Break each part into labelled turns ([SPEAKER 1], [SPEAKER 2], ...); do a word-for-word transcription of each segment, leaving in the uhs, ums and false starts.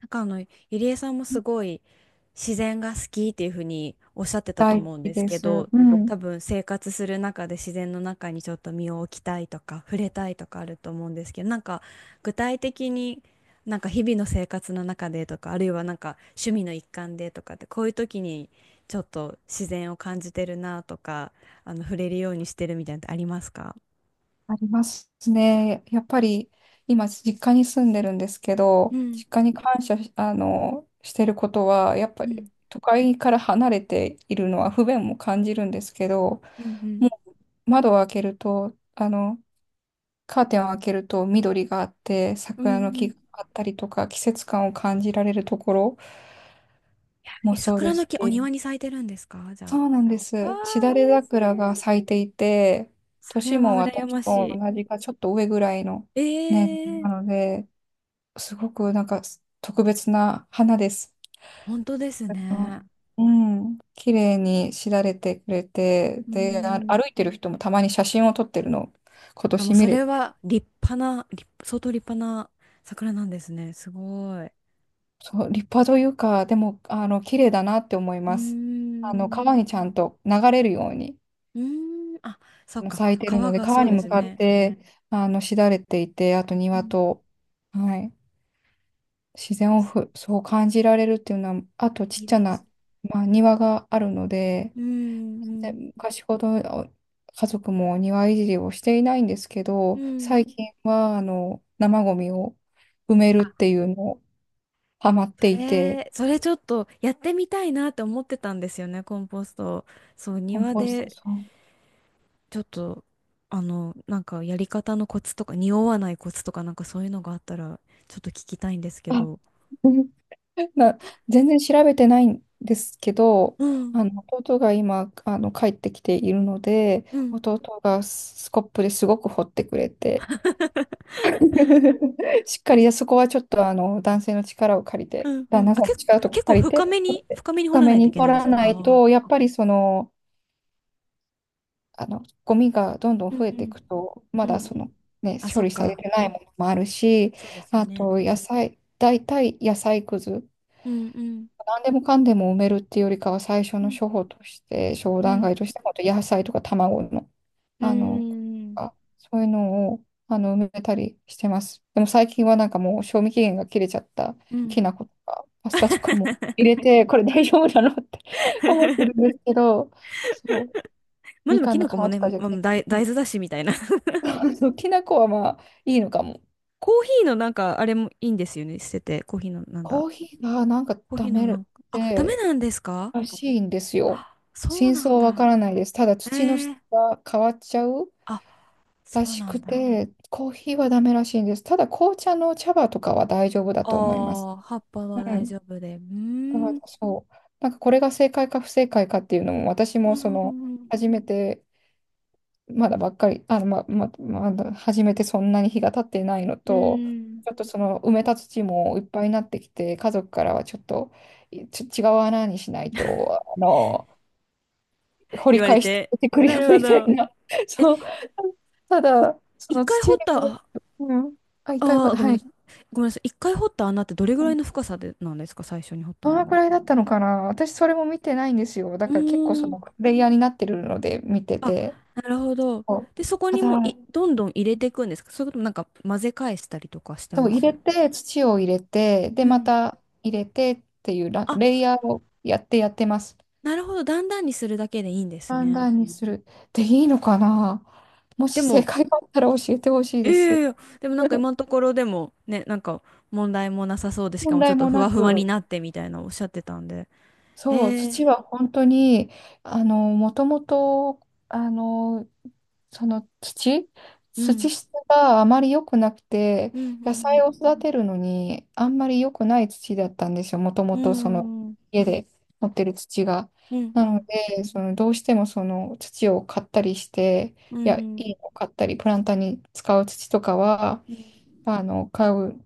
[SPEAKER 1] なんかあの、ゆりえさんもすごい自然が好きっていうふうにおっしゃってたと
[SPEAKER 2] 大好
[SPEAKER 1] 思うん
[SPEAKER 2] き
[SPEAKER 1] です
[SPEAKER 2] で
[SPEAKER 1] け
[SPEAKER 2] す。
[SPEAKER 1] ど、
[SPEAKER 2] う
[SPEAKER 1] 多
[SPEAKER 2] ん、
[SPEAKER 1] 分生活する中で自然の中にちょっと身を置きたいとか、触れたいとかあると思うんですけど、なんか具体的に、なんか日々の生活の中でとか、あるいはなんか趣味の一環でとかって、こういう時にちょっと自然を感じてるなとか、あの、触れるようにしてるみたいなのってありますか？
[SPEAKER 2] ありますね。やっぱり今、実家に住んでるんですけ
[SPEAKER 1] う
[SPEAKER 2] ど、
[SPEAKER 1] ん。
[SPEAKER 2] 実家に感謝し、あの、してることは、やっ
[SPEAKER 1] う
[SPEAKER 2] ぱり
[SPEAKER 1] ん。
[SPEAKER 2] 都会から離れているのは不便も感じるんですけど、
[SPEAKER 1] うん。うん。
[SPEAKER 2] もう窓を開けると、あの、カーテンを開けると緑があって、
[SPEAKER 1] うん。
[SPEAKER 2] 桜
[SPEAKER 1] う
[SPEAKER 2] の
[SPEAKER 1] ん。う
[SPEAKER 2] 木が
[SPEAKER 1] ん。
[SPEAKER 2] あったりとか、季節感を感じられるところも
[SPEAKER 1] え、
[SPEAKER 2] そう
[SPEAKER 1] 桜
[SPEAKER 2] で
[SPEAKER 1] の
[SPEAKER 2] す
[SPEAKER 1] 木お庭
[SPEAKER 2] し、
[SPEAKER 1] に咲いてるんですかじ
[SPEAKER 2] そ
[SPEAKER 1] ゃ
[SPEAKER 2] うなんで
[SPEAKER 1] あ？あ
[SPEAKER 2] す。し
[SPEAKER 1] あ、い
[SPEAKER 2] だ
[SPEAKER 1] い
[SPEAKER 2] れ
[SPEAKER 1] です
[SPEAKER 2] 桜が
[SPEAKER 1] ね。
[SPEAKER 2] 咲いていて、
[SPEAKER 1] それ
[SPEAKER 2] 年
[SPEAKER 1] は
[SPEAKER 2] も
[SPEAKER 1] 羨
[SPEAKER 2] 私
[SPEAKER 1] まし
[SPEAKER 2] と
[SPEAKER 1] い。
[SPEAKER 2] 同じかちょっと上ぐらいの年
[SPEAKER 1] え
[SPEAKER 2] な
[SPEAKER 1] え。
[SPEAKER 2] ので、すごくなんか特別な花です。
[SPEAKER 1] 本当ですね。
[SPEAKER 2] うん、綺麗にしだれてくれて、
[SPEAKER 1] う
[SPEAKER 2] で、あ
[SPEAKER 1] ん。
[SPEAKER 2] 歩いてる人もたまに写真を撮ってるのを今
[SPEAKER 1] あ、もう
[SPEAKER 2] 年見
[SPEAKER 1] そ
[SPEAKER 2] れ
[SPEAKER 1] れ
[SPEAKER 2] て、
[SPEAKER 1] は立派な、立相当立派な桜なんですね。すごい。う
[SPEAKER 2] そう、立派というか、でも、あの、綺麗だなって思い
[SPEAKER 1] ー
[SPEAKER 2] ます。あの、
[SPEAKER 1] ん。
[SPEAKER 2] 川にちゃんと流れるように。
[SPEAKER 1] うーん。あ、そっ
[SPEAKER 2] もう
[SPEAKER 1] か。
[SPEAKER 2] 咲い
[SPEAKER 1] 皮
[SPEAKER 2] てるので、
[SPEAKER 1] がそ
[SPEAKER 2] 川
[SPEAKER 1] う
[SPEAKER 2] に
[SPEAKER 1] で
[SPEAKER 2] 向
[SPEAKER 1] す
[SPEAKER 2] かっ
[SPEAKER 1] ね。
[SPEAKER 2] て、あの、しだれていて、あと
[SPEAKER 1] う
[SPEAKER 2] 庭
[SPEAKER 1] ん。
[SPEAKER 2] と、はい、自然をふ、そう感じられるっていうのは、あとち
[SPEAKER 1] い
[SPEAKER 2] っ
[SPEAKER 1] い
[SPEAKER 2] ちゃ
[SPEAKER 1] です。
[SPEAKER 2] な、まあ、庭があるので、
[SPEAKER 1] うん、う
[SPEAKER 2] で
[SPEAKER 1] ん、
[SPEAKER 2] 昔ほどお家族も庭いじりをしていないんですけ
[SPEAKER 1] う
[SPEAKER 2] ど、
[SPEAKER 1] ん。
[SPEAKER 2] 最近は、あの、生ゴミを埋めるっていうのをハマっ
[SPEAKER 1] そ
[SPEAKER 2] ていて、
[SPEAKER 1] れ、それちょっとやってみたいなって思ってたんですよね、コンポスト。そう、
[SPEAKER 2] コン
[SPEAKER 1] 庭
[SPEAKER 2] ポスト、
[SPEAKER 1] で
[SPEAKER 2] そう。
[SPEAKER 1] ちょっと、あの、なんかやり方のコツとか、匂わないコツとか、なんかそういうのがあったら、ちょっと聞きたいんですけ
[SPEAKER 2] あ
[SPEAKER 1] ど。
[SPEAKER 2] な、全然調べてないんですけど、
[SPEAKER 1] うん、
[SPEAKER 2] あの弟が今あの帰ってきているので、
[SPEAKER 1] うん、
[SPEAKER 2] 弟がスコップですごく掘ってくれて、しっかりそこはちょっとあの男性の力を借り
[SPEAKER 1] う
[SPEAKER 2] て、
[SPEAKER 1] ん、う
[SPEAKER 2] 旦
[SPEAKER 1] ん。
[SPEAKER 2] 那
[SPEAKER 1] あ、
[SPEAKER 2] さん
[SPEAKER 1] け、
[SPEAKER 2] の力とか
[SPEAKER 1] 結構
[SPEAKER 2] 借り
[SPEAKER 1] 深
[SPEAKER 2] て、
[SPEAKER 1] め
[SPEAKER 2] 掘っ
[SPEAKER 1] に、
[SPEAKER 2] て
[SPEAKER 1] 深めに掘
[SPEAKER 2] 深
[SPEAKER 1] らな
[SPEAKER 2] め
[SPEAKER 1] いとい
[SPEAKER 2] に
[SPEAKER 1] け
[SPEAKER 2] 掘
[SPEAKER 1] ないんで
[SPEAKER 2] ら
[SPEAKER 1] すか？
[SPEAKER 2] ない
[SPEAKER 1] あ
[SPEAKER 2] と、
[SPEAKER 1] あ
[SPEAKER 2] やっぱりその、あのゴミがどんど
[SPEAKER 1] ー。
[SPEAKER 2] ん
[SPEAKER 1] う
[SPEAKER 2] 増えてい
[SPEAKER 1] ん
[SPEAKER 2] くと、ま
[SPEAKER 1] うん、う
[SPEAKER 2] だ
[SPEAKER 1] んう
[SPEAKER 2] そ
[SPEAKER 1] ん。
[SPEAKER 2] の、ね、
[SPEAKER 1] あ、そ
[SPEAKER 2] 処
[SPEAKER 1] っ
[SPEAKER 2] 理され
[SPEAKER 1] か。
[SPEAKER 2] てないものもあるし、
[SPEAKER 1] そうですよ
[SPEAKER 2] あ
[SPEAKER 1] ね。
[SPEAKER 2] と野菜、大体野菜くず。
[SPEAKER 1] うんうん。
[SPEAKER 2] 何でもかんでも埋めるっていうよりかは最初
[SPEAKER 1] う
[SPEAKER 2] の
[SPEAKER 1] ん、
[SPEAKER 2] 処方として商
[SPEAKER 1] う
[SPEAKER 2] 談
[SPEAKER 1] ん、
[SPEAKER 2] 会として本当野菜とか卵の、
[SPEAKER 1] うー
[SPEAKER 2] あの
[SPEAKER 1] ん、
[SPEAKER 2] あそういうのをあの埋めたりしてます。でも最近はなんかもう賞味期限が切れちゃった
[SPEAKER 1] うん。
[SPEAKER 2] きな粉とかパスタとかも入れてこれ大丈夫なのって 思ってるん ですけど、そう
[SPEAKER 1] まあで
[SPEAKER 2] み
[SPEAKER 1] も、
[SPEAKER 2] か
[SPEAKER 1] き
[SPEAKER 2] んの
[SPEAKER 1] な
[SPEAKER 2] 皮
[SPEAKER 1] 粉も
[SPEAKER 2] と
[SPEAKER 1] ね、
[SPEAKER 2] かじゃな
[SPEAKER 1] ま
[SPEAKER 2] く
[SPEAKER 1] あ、
[SPEAKER 2] て
[SPEAKER 1] 大、大豆だしみたいな。
[SPEAKER 2] そうきな粉はまあいいのかも。
[SPEAKER 1] コーヒーのなんか、あれもいいんですよね。捨てて、コーヒーのなんだ。
[SPEAKER 2] コーヒーがなんか
[SPEAKER 1] コーヒ
[SPEAKER 2] ダ
[SPEAKER 1] ーの
[SPEAKER 2] メ
[SPEAKER 1] なんか、あ、ダメ
[SPEAKER 2] で
[SPEAKER 1] なんですか？
[SPEAKER 2] らしいんですよ。
[SPEAKER 1] あ、そう
[SPEAKER 2] 真
[SPEAKER 1] な
[SPEAKER 2] 相
[SPEAKER 1] ん
[SPEAKER 2] はわか
[SPEAKER 1] だ。
[SPEAKER 2] らないです。ただ
[SPEAKER 1] え
[SPEAKER 2] 土の質
[SPEAKER 1] ー、
[SPEAKER 2] が変わっちゃう
[SPEAKER 1] あ、
[SPEAKER 2] ら
[SPEAKER 1] そう
[SPEAKER 2] し
[SPEAKER 1] なん
[SPEAKER 2] く
[SPEAKER 1] だ。
[SPEAKER 2] て、コーヒーはダメらしいんです。ただ紅茶の茶葉とかは大丈夫だ
[SPEAKER 1] あ
[SPEAKER 2] と思います。
[SPEAKER 1] あ、葉っぱ
[SPEAKER 2] う
[SPEAKER 1] は大
[SPEAKER 2] ん。
[SPEAKER 1] 丈夫で。うー
[SPEAKER 2] だから
[SPEAKER 1] ん、う
[SPEAKER 2] そう。なんかこれが正解か不正解かっていうのも、私
[SPEAKER 1] ー
[SPEAKER 2] もその、
[SPEAKER 1] ん、
[SPEAKER 2] 初めて、まだばっかり、あの、ま、ま、まだ初めてそんなに日が経ってないの
[SPEAKER 1] う
[SPEAKER 2] と、
[SPEAKER 1] ーん。
[SPEAKER 2] ちょっとその埋めた土もいっぱいになってきて、家族からはちょっと、いちょ違う穴にしないと、あの、掘
[SPEAKER 1] 言
[SPEAKER 2] り
[SPEAKER 1] われ
[SPEAKER 2] 返して
[SPEAKER 1] て。
[SPEAKER 2] てくる
[SPEAKER 1] な
[SPEAKER 2] よ
[SPEAKER 1] るほ
[SPEAKER 2] みたい
[SPEAKER 1] ど。
[SPEAKER 2] な。そう。た
[SPEAKER 1] い
[SPEAKER 2] だ、そ
[SPEAKER 1] 一
[SPEAKER 2] の
[SPEAKER 1] 回
[SPEAKER 2] 土
[SPEAKER 1] 掘
[SPEAKER 2] に
[SPEAKER 1] っ
[SPEAKER 2] 触
[SPEAKER 1] た、
[SPEAKER 2] れる、
[SPEAKER 1] あ
[SPEAKER 2] うん。あ、一回ほ
[SPEAKER 1] あー、
[SPEAKER 2] ど、
[SPEAKER 1] ごめん
[SPEAKER 2] は
[SPEAKER 1] な
[SPEAKER 2] い。
[SPEAKER 1] さい。ごめんなさい。一回掘った穴ってどれぐ
[SPEAKER 2] う
[SPEAKER 1] らい
[SPEAKER 2] ん、
[SPEAKER 1] の深さでなんですか、最初に掘った
[SPEAKER 2] ど
[SPEAKER 1] の
[SPEAKER 2] のく
[SPEAKER 1] が。
[SPEAKER 2] らいだったのかな、私それも見てないんですよ。だ
[SPEAKER 1] う
[SPEAKER 2] から結構そ
[SPEAKER 1] ーん。
[SPEAKER 2] のプレイヤーになってるので見て
[SPEAKER 1] あ、
[SPEAKER 2] て。
[SPEAKER 1] なるほど。
[SPEAKER 2] そう
[SPEAKER 1] で、そこ
[SPEAKER 2] た
[SPEAKER 1] に
[SPEAKER 2] だ、
[SPEAKER 1] もうい、どんどん入れていくんですか？それともなんか混ぜ返したりとかして
[SPEAKER 2] そう、
[SPEAKER 1] ま
[SPEAKER 2] 入
[SPEAKER 1] す？
[SPEAKER 2] れて、土を入れて、で、
[SPEAKER 1] う
[SPEAKER 2] ま
[SPEAKER 1] ん。
[SPEAKER 2] た入れてっていうラ、
[SPEAKER 1] あ、
[SPEAKER 2] レイヤーをやってやってます。
[SPEAKER 1] なるほど。だんだんにするだけでいいんです
[SPEAKER 2] 判
[SPEAKER 1] ね。
[SPEAKER 2] 断にする。で、いいのかな、も
[SPEAKER 1] で
[SPEAKER 2] し正
[SPEAKER 1] も、
[SPEAKER 2] 解があったら教えてほしいです。
[SPEAKER 1] ええ、でもなんか今のところでもね、なんか問題もなさそうで、しか
[SPEAKER 2] 問
[SPEAKER 1] もちょ
[SPEAKER 2] 題
[SPEAKER 1] っと
[SPEAKER 2] も
[SPEAKER 1] ふ
[SPEAKER 2] な
[SPEAKER 1] わふわに
[SPEAKER 2] く。
[SPEAKER 1] なってみたいなおっしゃってたんで。
[SPEAKER 2] そう、
[SPEAKER 1] ええ。
[SPEAKER 2] 土は本当に、あの、もともと、あの、その土、
[SPEAKER 1] う
[SPEAKER 2] 土
[SPEAKER 1] ん、
[SPEAKER 2] 質があまり良くなくて、
[SPEAKER 1] うん、う
[SPEAKER 2] 野菜を
[SPEAKER 1] ん、
[SPEAKER 2] 育てるのにあんまり良くない土だったんですよ、もと
[SPEAKER 1] う
[SPEAKER 2] もとその
[SPEAKER 1] ん、うん、
[SPEAKER 2] 家で持ってる土が。
[SPEAKER 1] うん、
[SPEAKER 2] な
[SPEAKER 1] う
[SPEAKER 2] の
[SPEAKER 1] ん、
[SPEAKER 2] で、そのどうしてもその土を買ったりして、
[SPEAKER 1] う
[SPEAKER 2] いや、い
[SPEAKER 1] ん、
[SPEAKER 2] いのを買ったり、プランターに使う土とかは、
[SPEAKER 1] うん。
[SPEAKER 2] あの、買う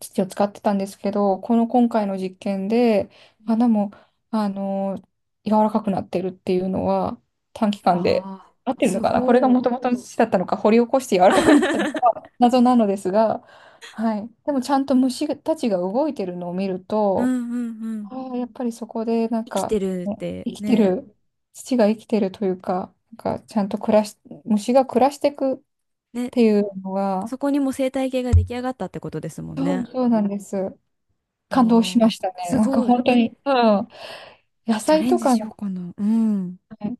[SPEAKER 2] 土を使ってたんですけど、この今回の実験で、花も、あの、柔らかくなってるっていうのは、短期間で、
[SPEAKER 1] ああ、
[SPEAKER 2] 合ってる
[SPEAKER 1] す
[SPEAKER 2] のかな、これが
[SPEAKER 1] ご
[SPEAKER 2] もとも
[SPEAKER 1] い。
[SPEAKER 2] との土だったのか、掘り起こして柔らかくなったのか、謎なのですが、はい。でもちゃんと虫たちが動いてるのを見る
[SPEAKER 1] う
[SPEAKER 2] と、
[SPEAKER 1] ん、うん、うん。
[SPEAKER 2] ああ、やっぱりそこでなん
[SPEAKER 1] 生きて
[SPEAKER 2] か、
[SPEAKER 1] るっ
[SPEAKER 2] ね、
[SPEAKER 1] て
[SPEAKER 2] 生きて
[SPEAKER 1] ね。
[SPEAKER 2] る、土が生きてるというか、なんかちゃんと暮らし、虫が暮らしていくっ
[SPEAKER 1] ね、
[SPEAKER 2] ていうのが、
[SPEAKER 1] そこにも生態系が出来上がったってことですもん
[SPEAKER 2] そう
[SPEAKER 1] ね。
[SPEAKER 2] そうなんです。
[SPEAKER 1] あ
[SPEAKER 2] 感動し
[SPEAKER 1] あ、
[SPEAKER 2] ましたね。
[SPEAKER 1] す
[SPEAKER 2] なんか
[SPEAKER 1] ごい。
[SPEAKER 2] 本当
[SPEAKER 1] え、
[SPEAKER 2] に、うん。野
[SPEAKER 1] チャ
[SPEAKER 2] 菜
[SPEAKER 1] レン
[SPEAKER 2] と
[SPEAKER 1] ジ
[SPEAKER 2] かの
[SPEAKER 1] しようかな。うん。
[SPEAKER 2] ね、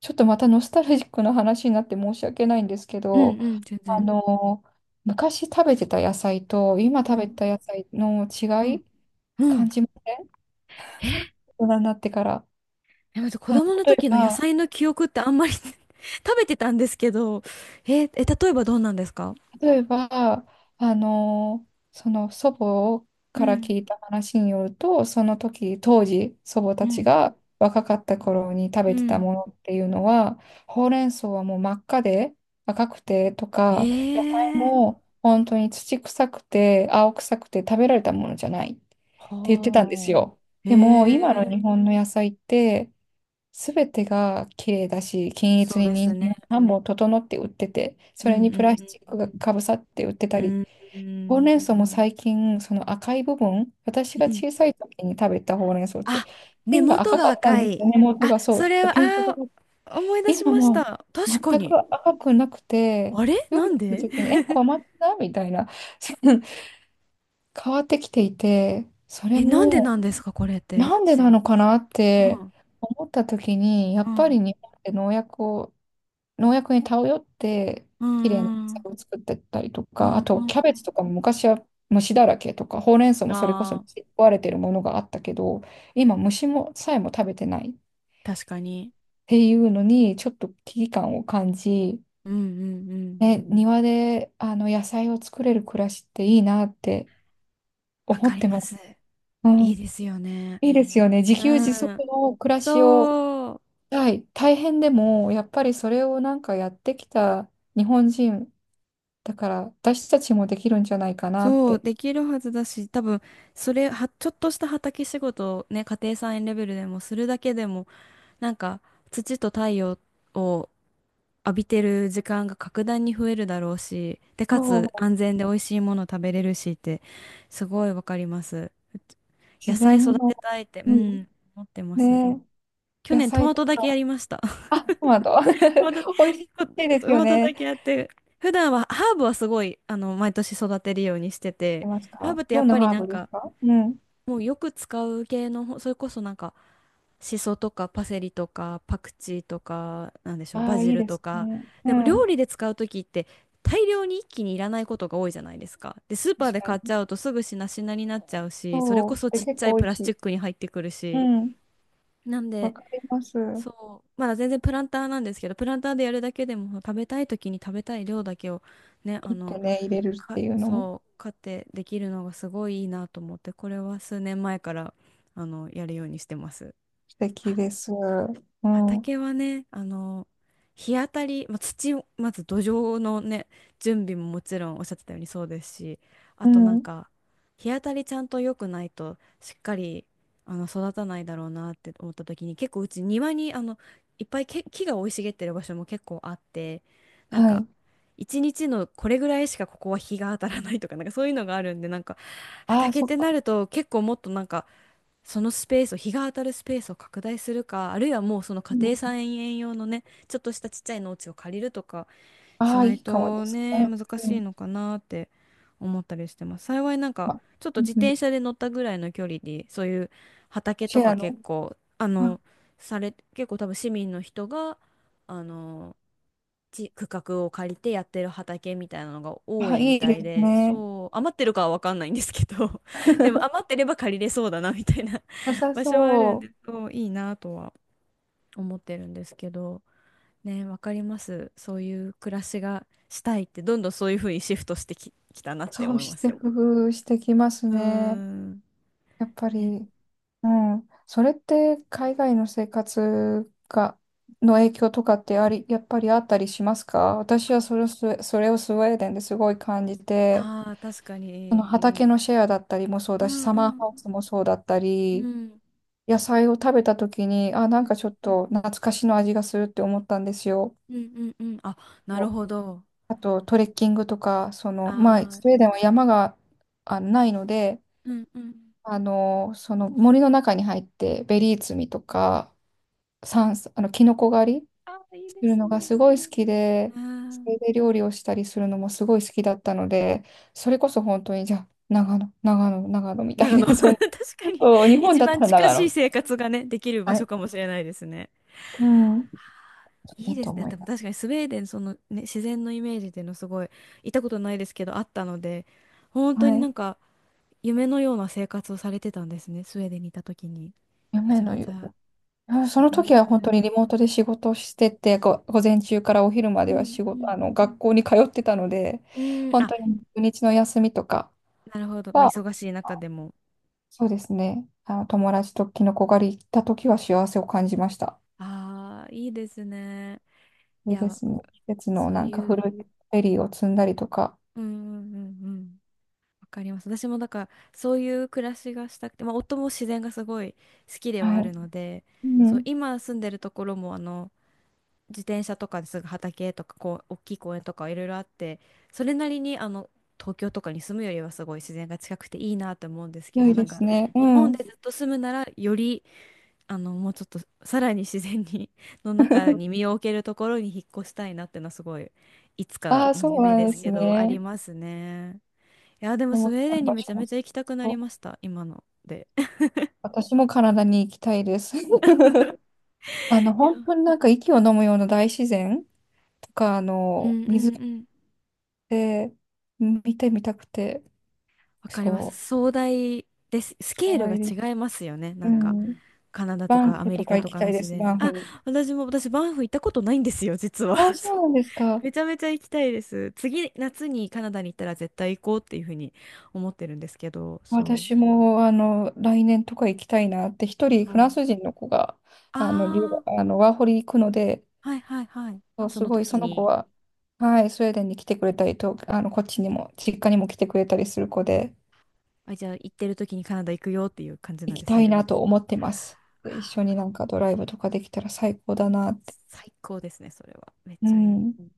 [SPEAKER 2] ちょっとまたノスタルジックな話になって申し訳ないんですけ
[SPEAKER 1] う
[SPEAKER 2] ど、
[SPEAKER 1] ん、うん、全
[SPEAKER 2] あ
[SPEAKER 1] 然。
[SPEAKER 2] の、昔食べてた野菜と今食
[SPEAKER 1] う
[SPEAKER 2] べて
[SPEAKER 1] ん、
[SPEAKER 2] た野菜の
[SPEAKER 1] う
[SPEAKER 2] 違
[SPEAKER 1] ん、
[SPEAKER 2] い、
[SPEAKER 1] う
[SPEAKER 2] 感
[SPEAKER 1] ん。
[SPEAKER 2] じます、
[SPEAKER 1] え、
[SPEAKER 2] 大人になってから。
[SPEAKER 1] でも子
[SPEAKER 2] あ、
[SPEAKER 1] 供の
[SPEAKER 2] 例え
[SPEAKER 1] 時の野
[SPEAKER 2] ば、
[SPEAKER 1] 菜の記憶ってあんまり 食べてたんですけど、え、え、例えばどうなんですか？
[SPEAKER 2] 例えば、あのその祖母
[SPEAKER 1] う
[SPEAKER 2] から
[SPEAKER 1] ん、
[SPEAKER 2] 聞いた話によると、その時、当時、祖母
[SPEAKER 1] う
[SPEAKER 2] たち
[SPEAKER 1] ん、
[SPEAKER 2] が若かった頃に食
[SPEAKER 1] う
[SPEAKER 2] べてた
[SPEAKER 1] ん。
[SPEAKER 2] ものっていうのは、ほうれん草はもう真っ赤で赤くてと
[SPEAKER 1] え
[SPEAKER 2] か、野菜
[SPEAKER 1] え。
[SPEAKER 2] も本当に土臭くて青臭くて食べられたものじゃないって言ってたんですよ。
[SPEAKER 1] は
[SPEAKER 2] でも、今の
[SPEAKER 1] あ。え
[SPEAKER 2] 日
[SPEAKER 1] え。
[SPEAKER 2] 本の野菜って、すべてが綺麗だし、均一
[SPEAKER 1] そう
[SPEAKER 2] に
[SPEAKER 1] です
[SPEAKER 2] 人
[SPEAKER 1] ね。
[SPEAKER 2] 参をさんぼん整って売ってて、
[SPEAKER 1] う
[SPEAKER 2] それ
[SPEAKER 1] ん
[SPEAKER 2] に
[SPEAKER 1] う
[SPEAKER 2] プラスチッ
[SPEAKER 1] ん
[SPEAKER 2] クがかぶさって売ってた
[SPEAKER 1] う
[SPEAKER 2] り、
[SPEAKER 1] ん。う
[SPEAKER 2] ほう
[SPEAKER 1] ん。
[SPEAKER 2] れん草も最近、その赤い部分、私が
[SPEAKER 1] うん。
[SPEAKER 2] 小さい時に食べたほうれん草って、
[SPEAKER 1] あ、根
[SPEAKER 2] 芯が
[SPEAKER 1] 元
[SPEAKER 2] 赤か
[SPEAKER 1] が
[SPEAKER 2] ったん
[SPEAKER 1] 赤
[SPEAKER 2] です
[SPEAKER 1] い。
[SPEAKER 2] よね、根元
[SPEAKER 1] あ、
[SPEAKER 2] がそう、
[SPEAKER 1] そ
[SPEAKER 2] ちょっ
[SPEAKER 1] れ
[SPEAKER 2] と
[SPEAKER 1] は、
[SPEAKER 2] ピンクが
[SPEAKER 1] あ
[SPEAKER 2] かった。
[SPEAKER 1] ー、思い出し
[SPEAKER 2] 今
[SPEAKER 1] まし
[SPEAKER 2] も
[SPEAKER 1] た。
[SPEAKER 2] う
[SPEAKER 1] 確か
[SPEAKER 2] 全
[SPEAKER 1] に。
[SPEAKER 2] く赤くなくて、
[SPEAKER 1] あれ
[SPEAKER 2] 料
[SPEAKER 1] な
[SPEAKER 2] 理
[SPEAKER 1] ん
[SPEAKER 2] す
[SPEAKER 1] で。
[SPEAKER 2] る 時に、え、小松菜みたいな、変わってきていて、それ
[SPEAKER 1] え、なんでな
[SPEAKER 2] も
[SPEAKER 1] んですか、これって。
[SPEAKER 2] なんでなのかなっ
[SPEAKER 1] う
[SPEAKER 2] て
[SPEAKER 1] ん、
[SPEAKER 2] 思った時に、や
[SPEAKER 1] う
[SPEAKER 2] っぱり
[SPEAKER 1] ん、
[SPEAKER 2] 日本って農薬を農薬に頼って
[SPEAKER 1] うん。
[SPEAKER 2] 綺麗な野
[SPEAKER 1] う
[SPEAKER 2] 菜
[SPEAKER 1] ん
[SPEAKER 2] を作ってたりと
[SPEAKER 1] う
[SPEAKER 2] か、
[SPEAKER 1] ん
[SPEAKER 2] あ
[SPEAKER 1] う
[SPEAKER 2] と
[SPEAKER 1] ん
[SPEAKER 2] キャベ
[SPEAKER 1] う
[SPEAKER 2] ツとか
[SPEAKER 1] ん。
[SPEAKER 2] も昔は虫だらけとか、ほうれん草もそれこそ
[SPEAKER 1] ああ、
[SPEAKER 2] 虫に食われてるものがあったけど、今虫もさえも食べてないっ
[SPEAKER 1] 確かに。
[SPEAKER 2] ていうのにちょっと危機感を感じ、
[SPEAKER 1] うんうんうん。
[SPEAKER 2] ね、庭であの野菜を作れる暮らしっていいなって
[SPEAKER 1] わ
[SPEAKER 2] 思
[SPEAKER 1] か
[SPEAKER 2] っ
[SPEAKER 1] り
[SPEAKER 2] て
[SPEAKER 1] ま
[SPEAKER 2] ます。
[SPEAKER 1] す。
[SPEAKER 2] うん、
[SPEAKER 1] いいですよね。
[SPEAKER 2] いいですよね。自給
[SPEAKER 1] う
[SPEAKER 2] 自足
[SPEAKER 1] ん。
[SPEAKER 2] の暮らしを、
[SPEAKER 1] そう。
[SPEAKER 2] はい、大変でもやっぱりそれをなんかやってきた日本人だから私たちもできるんじゃないかなっ
[SPEAKER 1] そう、
[SPEAKER 2] て。
[SPEAKER 1] できるはずだし、多分、それは、ちょっとした畑仕事をね、家庭菜園レベルでもするだけでも、なんか、土と太陽を浴びてる時間が格段に増えるだろうし、で、か
[SPEAKER 2] そ
[SPEAKER 1] つ
[SPEAKER 2] う。
[SPEAKER 1] 安全で美味しいもの食べれるしって、すごいわかります。うち野
[SPEAKER 2] 自
[SPEAKER 1] 菜
[SPEAKER 2] 然
[SPEAKER 1] 育
[SPEAKER 2] の
[SPEAKER 1] てたいって、う
[SPEAKER 2] うん。
[SPEAKER 1] ん、思ってます。
[SPEAKER 2] ね、
[SPEAKER 1] 去
[SPEAKER 2] 野
[SPEAKER 1] 年ト
[SPEAKER 2] 菜
[SPEAKER 1] マ
[SPEAKER 2] と
[SPEAKER 1] トだけや
[SPEAKER 2] か、
[SPEAKER 1] りました。
[SPEAKER 2] あ、トマト。
[SPEAKER 1] トマト、
[SPEAKER 2] 美味しいです
[SPEAKER 1] ト
[SPEAKER 2] よ
[SPEAKER 1] マトだ
[SPEAKER 2] ね。
[SPEAKER 1] けやって、普段はハーブはすごい、あの、毎年育てるようにして
[SPEAKER 2] い
[SPEAKER 1] て、
[SPEAKER 2] ます
[SPEAKER 1] ハー
[SPEAKER 2] か、
[SPEAKER 1] ブってや
[SPEAKER 2] どん
[SPEAKER 1] っ
[SPEAKER 2] な
[SPEAKER 1] ぱり
[SPEAKER 2] ハー
[SPEAKER 1] なん
[SPEAKER 2] ブです
[SPEAKER 1] か、
[SPEAKER 2] か、うん。
[SPEAKER 1] もうよく使う系の、それこそなんか、シソとかパセリとかパクチーとか、なんでしょう、
[SPEAKER 2] あ
[SPEAKER 1] バ
[SPEAKER 2] あ、
[SPEAKER 1] ジ
[SPEAKER 2] いい
[SPEAKER 1] ル
[SPEAKER 2] で
[SPEAKER 1] と
[SPEAKER 2] す
[SPEAKER 1] か。
[SPEAKER 2] ね。う
[SPEAKER 1] でも料
[SPEAKER 2] ん。
[SPEAKER 1] 理で使う時って大量に一気にいらないことが多いじゃないですか。で、スーパー
[SPEAKER 2] 確
[SPEAKER 1] で
[SPEAKER 2] か
[SPEAKER 1] 買っ
[SPEAKER 2] に。
[SPEAKER 1] ちゃうとすぐしなしなになっちゃうし、それ
[SPEAKER 2] そ
[SPEAKER 1] こ
[SPEAKER 2] う。
[SPEAKER 1] そ
[SPEAKER 2] で、
[SPEAKER 1] ちっ
[SPEAKER 2] 結
[SPEAKER 1] ちゃい
[SPEAKER 2] 構美
[SPEAKER 1] プ
[SPEAKER 2] 味
[SPEAKER 1] ラ
[SPEAKER 2] し
[SPEAKER 1] スチ
[SPEAKER 2] い。
[SPEAKER 1] ックに入ってくる
[SPEAKER 2] う
[SPEAKER 1] し。
[SPEAKER 2] ん。
[SPEAKER 1] なん
[SPEAKER 2] わ
[SPEAKER 1] で、
[SPEAKER 2] かります。
[SPEAKER 1] そう、まだ全然プランターなんですけど、プランターでやるだけでも食べたい時に食べたい量だけをね、あ
[SPEAKER 2] 切っ
[SPEAKER 1] の、
[SPEAKER 2] てね、入れるって
[SPEAKER 1] か、
[SPEAKER 2] いうのも
[SPEAKER 1] そう、買ってできるのがすごいいいなと思って、これは数年前から、あの、やるようにしてます。
[SPEAKER 2] 素敵です。うん。う
[SPEAKER 1] 畑はね、あの、日当たり、まあ、土を、まず土壌のね、準備ももちろんおっしゃってたようにそうですし、あとなん
[SPEAKER 2] ん。
[SPEAKER 1] か、日当たりちゃんと良くないと、しっかり、あの、育たないだろうなって思った時に、結構うち庭に、あの、いっぱいけ木が生い茂ってる場所も結構あって、なん
[SPEAKER 2] は
[SPEAKER 1] か、
[SPEAKER 2] い。
[SPEAKER 1] 一日のこれぐらいしかここは日が当たらないとか、なんかそういうのがあるんで、なんか、
[SPEAKER 2] ああ、
[SPEAKER 1] 畑っ
[SPEAKER 2] そっ
[SPEAKER 1] てな
[SPEAKER 2] か。
[SPEAKER 1] ると結構もっとなんか、そのスペースを、日が当たるスペースを拡大するか、あるいはもうその家
[SPEAKER 2] うん。
[SPEAKER 1] 庭菜園用のね、ちょっとしたちっちゃい農地を借りるとか、し
[SPEAKER 2] ああ、
[SPEAKER 1] な
[SPEAKER 2] い
[SPEAKER 1] い
[SPEAKER 2] いかもで
[SPEAKER 1] と
[SPEAKER 2] す
[SPEAKER 1] ね、
[SPEAKER 2] ね。
[SPEAKER 1] 難
[SPEAKER 2] う
[SPEAKER 1] しい
[SPEAKER 2] ん。
[SPEAKER 1] のかなって思ったりしてます。幸いなんか、
[SPEAKER 2] ま、
[SPEAKER 1] ちょっと
[SPEAKER 2] うん
[SPEAKER 1] 自
[SPEAKER 2] うん、
[SPEAKER 1] 転車で乗ったぐらいの距離で、そういう畑
[SPEAKER 2] シ
[SPEAKER 1] と
[SPEAKER 2] ェ
[SPEAKER 1] か
[SPEAKER 2] アの。
[SPEAKER 1] 結構、あ
[SPEAKER 2] あ
[SPEAKER 1] の、され、結構多分市民の人が、あの、ち区画を借りてやってる畑みたいなのが多
[SPEAKER 2] あ、
[SPEAKER 1] いみ
[SPEAKER 2] いい
[SPEAKER 1] た
[SPEAKER 2] で
[SPEAKER 1] い
[SPEAKER 2] す
[SPEAKER 1] で、
[SPEAKER 2] ね。
[SPEAKER 1] そう、余ってるかは分かんないんですけど、でも余っ てれば借りれそうだなみたいな
[SPEAKER 2] 良さ
[SPEAKER 1] 場所はある
[SPEAKER 2] そ
[SPEAKER 1] んで、
[SPEAKER 2] う。
[SPEAKER 1] そう、いいなとは思ってるんですけど、ね、わかります。そういう暮らしがしたいって、どんどんそういうふうにシフトしてき、きたなって
[SPEAKER 2] そう
[SPEAKER 1] 思い
[SPEAKER 2] し
[SPEAKER 1] ま
[SPEAKER 2] て
[SPEAKER 1] す。
[SPEAKER 2] 工夫してきます
[SPEAKER 1] うー
[SPEAKER 2] ね。
[SPEAKER 1] ん。
[SPEAKER 2] やっぱ
[SPEAKER 1] ね、
[SPEAKER 2] り。うん。それって海外の生活が、の影響とかってあり、やっぱりあったりしますか、私はそれをスウェ、それをスウェーデンですごい感じて、
[SPEAKER 1] ああ、確か
[SPEAKER 2] その
[SPEAKER 1] に。
[SPEAKER 2] 畑のシェアだったりもそう
[SPEAKER 1] う
[SPEAKER 2] だし、
[SPEAKER 1] ん
[SPEAKER 2] サ
[SPEAKER 1] う
[SPEAKER 2] マーハウ
[SPEAKER 1] ん
[SPEAKER 2] スもそうだった
[SPEAKER 1] う
[SPEAKER 2] り、
[SPEAKER 1] ん
[SPEAKER 2] 野菜を食べた時に、あ、なん
[SPEAKER 1] うん
[SPEAKER 2] かちょっと懐かしの味がするって思ったんですよ。
[SPEAKER 1] うんうんうん。あ、なるほど。
[SPEAKER 2] あとトレッキングとか、その、まあ、
[SPEAKER 1] あ
[SPEAKER 2] スウェ
[SPEAKER 1] あ、
[SPEAKER 2] ーデンは山があないので、
[SPEAKER 1] うんうん。
[SPEAKER 2] あの、その森の中に入ってベリー摘みとか、山あの、キノコ狩り
[SPEAKER 1] ああ、いい
[SPEAKER 2] す
[SPEAKER 1] で
[SPEAKER 2] る
[SPEAKER 1] す
[SPEAKER 2] の
[SPEAKER 1] ね。
[SPEAKER 2] がすごい好きで、
[SPEAKER 1] あ
[SPEAKER 2] それ
[SPEAKER 1] あ、
[SPEAKER 2] で料理をしたりするのもすごい好きだったので、それこそ本当に、じゃあ、長野、長野、長野みたい
[SPEAKER 1] 長野、
[SPEAKER 2] な、
[SPEAKER 1] 確
[SPEAKER 2] その、
[SPEAKER 1] かに
[SPEAKER 2] そう日本
[SPEAKER 1] 一
[SPEAKER 2] だった
[SPEAKER 1] 番
[SPEAKER 2] ら
[SPEAKER 1] 近
[SPEAKER 2] 長
[SPEAKER 1] し
[SPEAKER 2] 野
[SPEAKER 1] い
[SPEAKER 2] みた
[SPEAKER 1] 生
[SPEAKER 2] い
[SPEAKER 1] 活がね、できる場
[SPEAKER 2] な。は
[SPEAKER 1] 所
[SPEAKER 2] い。
[SPEAKER 1] かもしれないですね。
[SPEAKER 2] うん。そう
[SPEAKER 1] い
[SPEAKER 2] だ
[SPEAKER 1] いで
[SPEAKER 2] と
[SPEAKER 1] すね。
[SPEAKER 2] 思い
[SPEAKER 1] でも
[SPEAKER 2] ま
[SPEAKER 1] 確か
[SPEAKER 2] す。
[SPEAKER 1] にスウェーデン、そのね、自然のイメージっていうのすごい、行ったことないですけど、あったので、本当に
[SPEAKER 2] は
[SPEAKER 1] な
[SPEAKER 2] い。
[SPEAKER 1] んか夢のような生活をされてたんですね、スウェーデンにいた時に。め
[SPEAKER 2] 夢
[SPEAKER 1] ちゃ
[SPEAKER 2] の
[SPEAKER 1] めち
[SPEAKER 2] よ、
[SPEAKER 1] ゃ、
[SPEAKER 2] あそ
[SPEAKER 1] め
[SPEAKER 2] の
[SPEAKER 1] ちゃめ
[SPEAKER 2] 時
[SPEAKER 1] ち
[SPEAKER 2] は
[SPEAKER 1] ゃ羨
[SPEAKER 2] 本当
[SPEAKER 1] ま
[SPEAKER 2] にリ
[SPEAKER 1] し
[SPEAKER 2] モートで仕事をしてて、ご午前中からお昼ま
[SPEAKER 1] い。う
[SPEAKER 2] では
[SPEAKER 1] ん、
[SPEAKER 2] 仕
[SPEAKER 1] う
[SPEAKER 2] 事、
[SPEAKER 1] ん。
[SPEAKER 2] あの、学校に通ってたので、
[SPEAKER 1] うん、
[SPEAKER 2] 本
[SPEAKER 1] あ、
[SPEAKER 2] 当に土日の休みとか
[SPEAKER 1] なるほど。まあ、
[SPEAKER 2] は、
[SPEAKER 1] 忙しい中でも。
[SPEAKER 2] そうですね、あの、友達とキノコ狩り行った時は幸せを感じました。
[SPEAKER 1] ああ、いいですね。い
[SPEAKER 2] でで
[SPEAKER 1] や、
[SPEAKER 2] すね、季節の
[SPEAKER 1] そう
[SPEAKER 2] なんか
[SPEAKER 1] い
[SPEAKER 2] 古
[SPEAKER 1] う、
[SPEAKER 2] いフェリーを積んだりとか、
[SPEAKER 1] うんうんうんうん。わかります。私もだから、そういう暮らしがしたくて、まあ、夫も自然がすごい好きでは
[SPEAKER 2] は
[SPEAKER 1] ある
[SPEAKER 2] い。
[SPEAKER 1] ので、
[SPEAKER 2] う
[SPEAKER 1] そう、
[SPEAKER 2] ん、
[SPEAKER 1] 今住んでるところも、あの、自転車とかですぐ畑とかこう大きい公園とかいろいろあって、それなりにあの東京とかに住むよりはすごい自然が近くていいなと思うんですけ
[SPEAKER 2] 良
[SPEAKER 1] ど、
[SPEAKER 2] い
[SPEAKER 1] な
[SPEAKER 2] で
[SPEAKER 1] ん
[SPEAKER 2] す
[SPEAKER 1] か
[SPEAKER 2] ね。う
[SPEAKER 1] 日本
[SPEAKER 2] ん。
[SPEAKER 1] でずっと住むならよりあのもうちょっとさらに自然に の中に身を置けるところに引っ越したいなっていうのはすごい、いつか
[SPEAKER 2] ああ、
[SPEAKER 1] の
[SPEAKER 2] そう
[SPEAKER 1] 夢
[SPEAKER 2] な
[SPEAKER 1] で
[SPEAKER 2] ん
[SPEAKER 1] す
[SPEAKER 2] です
[SPEAKER 1] けどあり
[SPEAKER 2] ね。
[SPEAKER 1] ますね。いやでも
[SPEAKER 2] で
[SPEAKER 1] ス
[SPEAKER 2] も、
[SPEAKER 1] ウェー
[SPEAKER 2] 今
[SPEAKER 1] デン
[SPEAKER 2] の
[SPEAKER 1] に
[SPEAKER 2] 場
[SPEAKER 1] めち
[SPEAKER 2] 所
[SPEAKER 1] ゃ
[SPEAKER 2] も
[SPEAKER 1] めちゃ行きたくな
[SPEAKER 2] そ
[SPEAKER 1] り
[SPEAKER 2] う、
[SPEAKER 1] ました、今ので。
[SPEAKER 2] 私もカナダに行きたいです。あの、
[SPEAKER 1] いや。
[SPEAKER 2] 本当になんか息を飲むような大自然とか、あ
[SPEAKER 1] う
[SPEAKER 2] の、
[SPEAKER 1] んう
[SPEAKER 2] 水っ
[SPEAKER 1] んうん。
[SPEAKER 2] て見てみたくて、
[SPEAKER 1] わかります。
[SPEAKER 2] そう。
[SPEAKER 1] 壮大です。ス
[SPEAKER 2] そ
[SPEAKER 1] ケー
[SPEAKER 2] うな
[SPEAKER 1] ルが
[SPEAKER 2] んです、
[SPEAKER 1] 違いますよね、
[SPEAKER 2] う
[SPEAKER 1] なんか。
[SPEAKER 2] ん。
[SPEAKER 1] カナダと
[SPEAKER 2] バン
[SPEAKER 1] かア
[SPEAKER 2] フ
[SPEAKER 1] メリ
[SPEAKER 2] とか
[SPEAKER 1] カ
[SPEAKER 2] 行
[SPEAKER 1] と
[SPEAKER 2] き
[SPEAKER 1] かの
[SPEAKER 2] たいで
[SPEAKER 1] 自
[SPEAKER 2] す、
[SPEAKER 1] 然。
[SPEAKER 2] バンフ
[SPEAKER 1] あ、
[SPEAKER 2] に。
[SPEAKER 1] 私も、私、バンフ行ったことないんですよ、実は。
[SPEAKER 2] あ、そ
[SPEAKER 1] そ
[SPEAKER 2] う
[SPEAKER 1] う。
[SPEAKER 2] なんですか。
[SPEAKER 1] めちゃめちゃ行きたいです。次、夏にカナダに行ったら絶対行こうっていうふうに思ってるんですけど、そう。
[SPEAKER 2] 私も、あの、来年とか行きたいなって、一人フ
[SPEAKER 1] そ
[SPEAKER 2] ラ
[SPEAKER 1] う。
[SPEAKER 2] ンス人の子が、あの、留
[SPEAKER 1] あ
[SPEAKER 2] 学あの、ワーホリ行くので、
[SPEAKER 1] あ、はいはいはい。
[SPEAKER 2] そう
[SPEAKER 1] そ
[SPEAKER 2] す
[SPEAKER 1] の
[SPEAKER 2] ごい
[SPEAKER 1] 時
[SPEAKER 2] その子
[SPEAKER 1] に、
[SPEAKER 2] は、はい、スウェーデンに来てくれたりと、あの、こっちにも、実家にも来てくれたりする子で、
[SPEAKER 1] あ、じゃあ行ってる時にカナダ行くよっていう感じな
[SPEAKER 2] 行
[SPEAKER 1] ん
[SPEAKER 2] き
[SPEAKER 1] です
[SPEAKER 2] たい
[SPEAKER 1] ね。
[SPEAKER 2] なと思ってます。で一緒になんかドライブとかできたら最高だなって。
[SPEAKER 1] 最高ですね、それは。めっ
[SPEAKER 2] う
[SPEAKER 1] ちゃいい。
[SPEAKER 2] ん。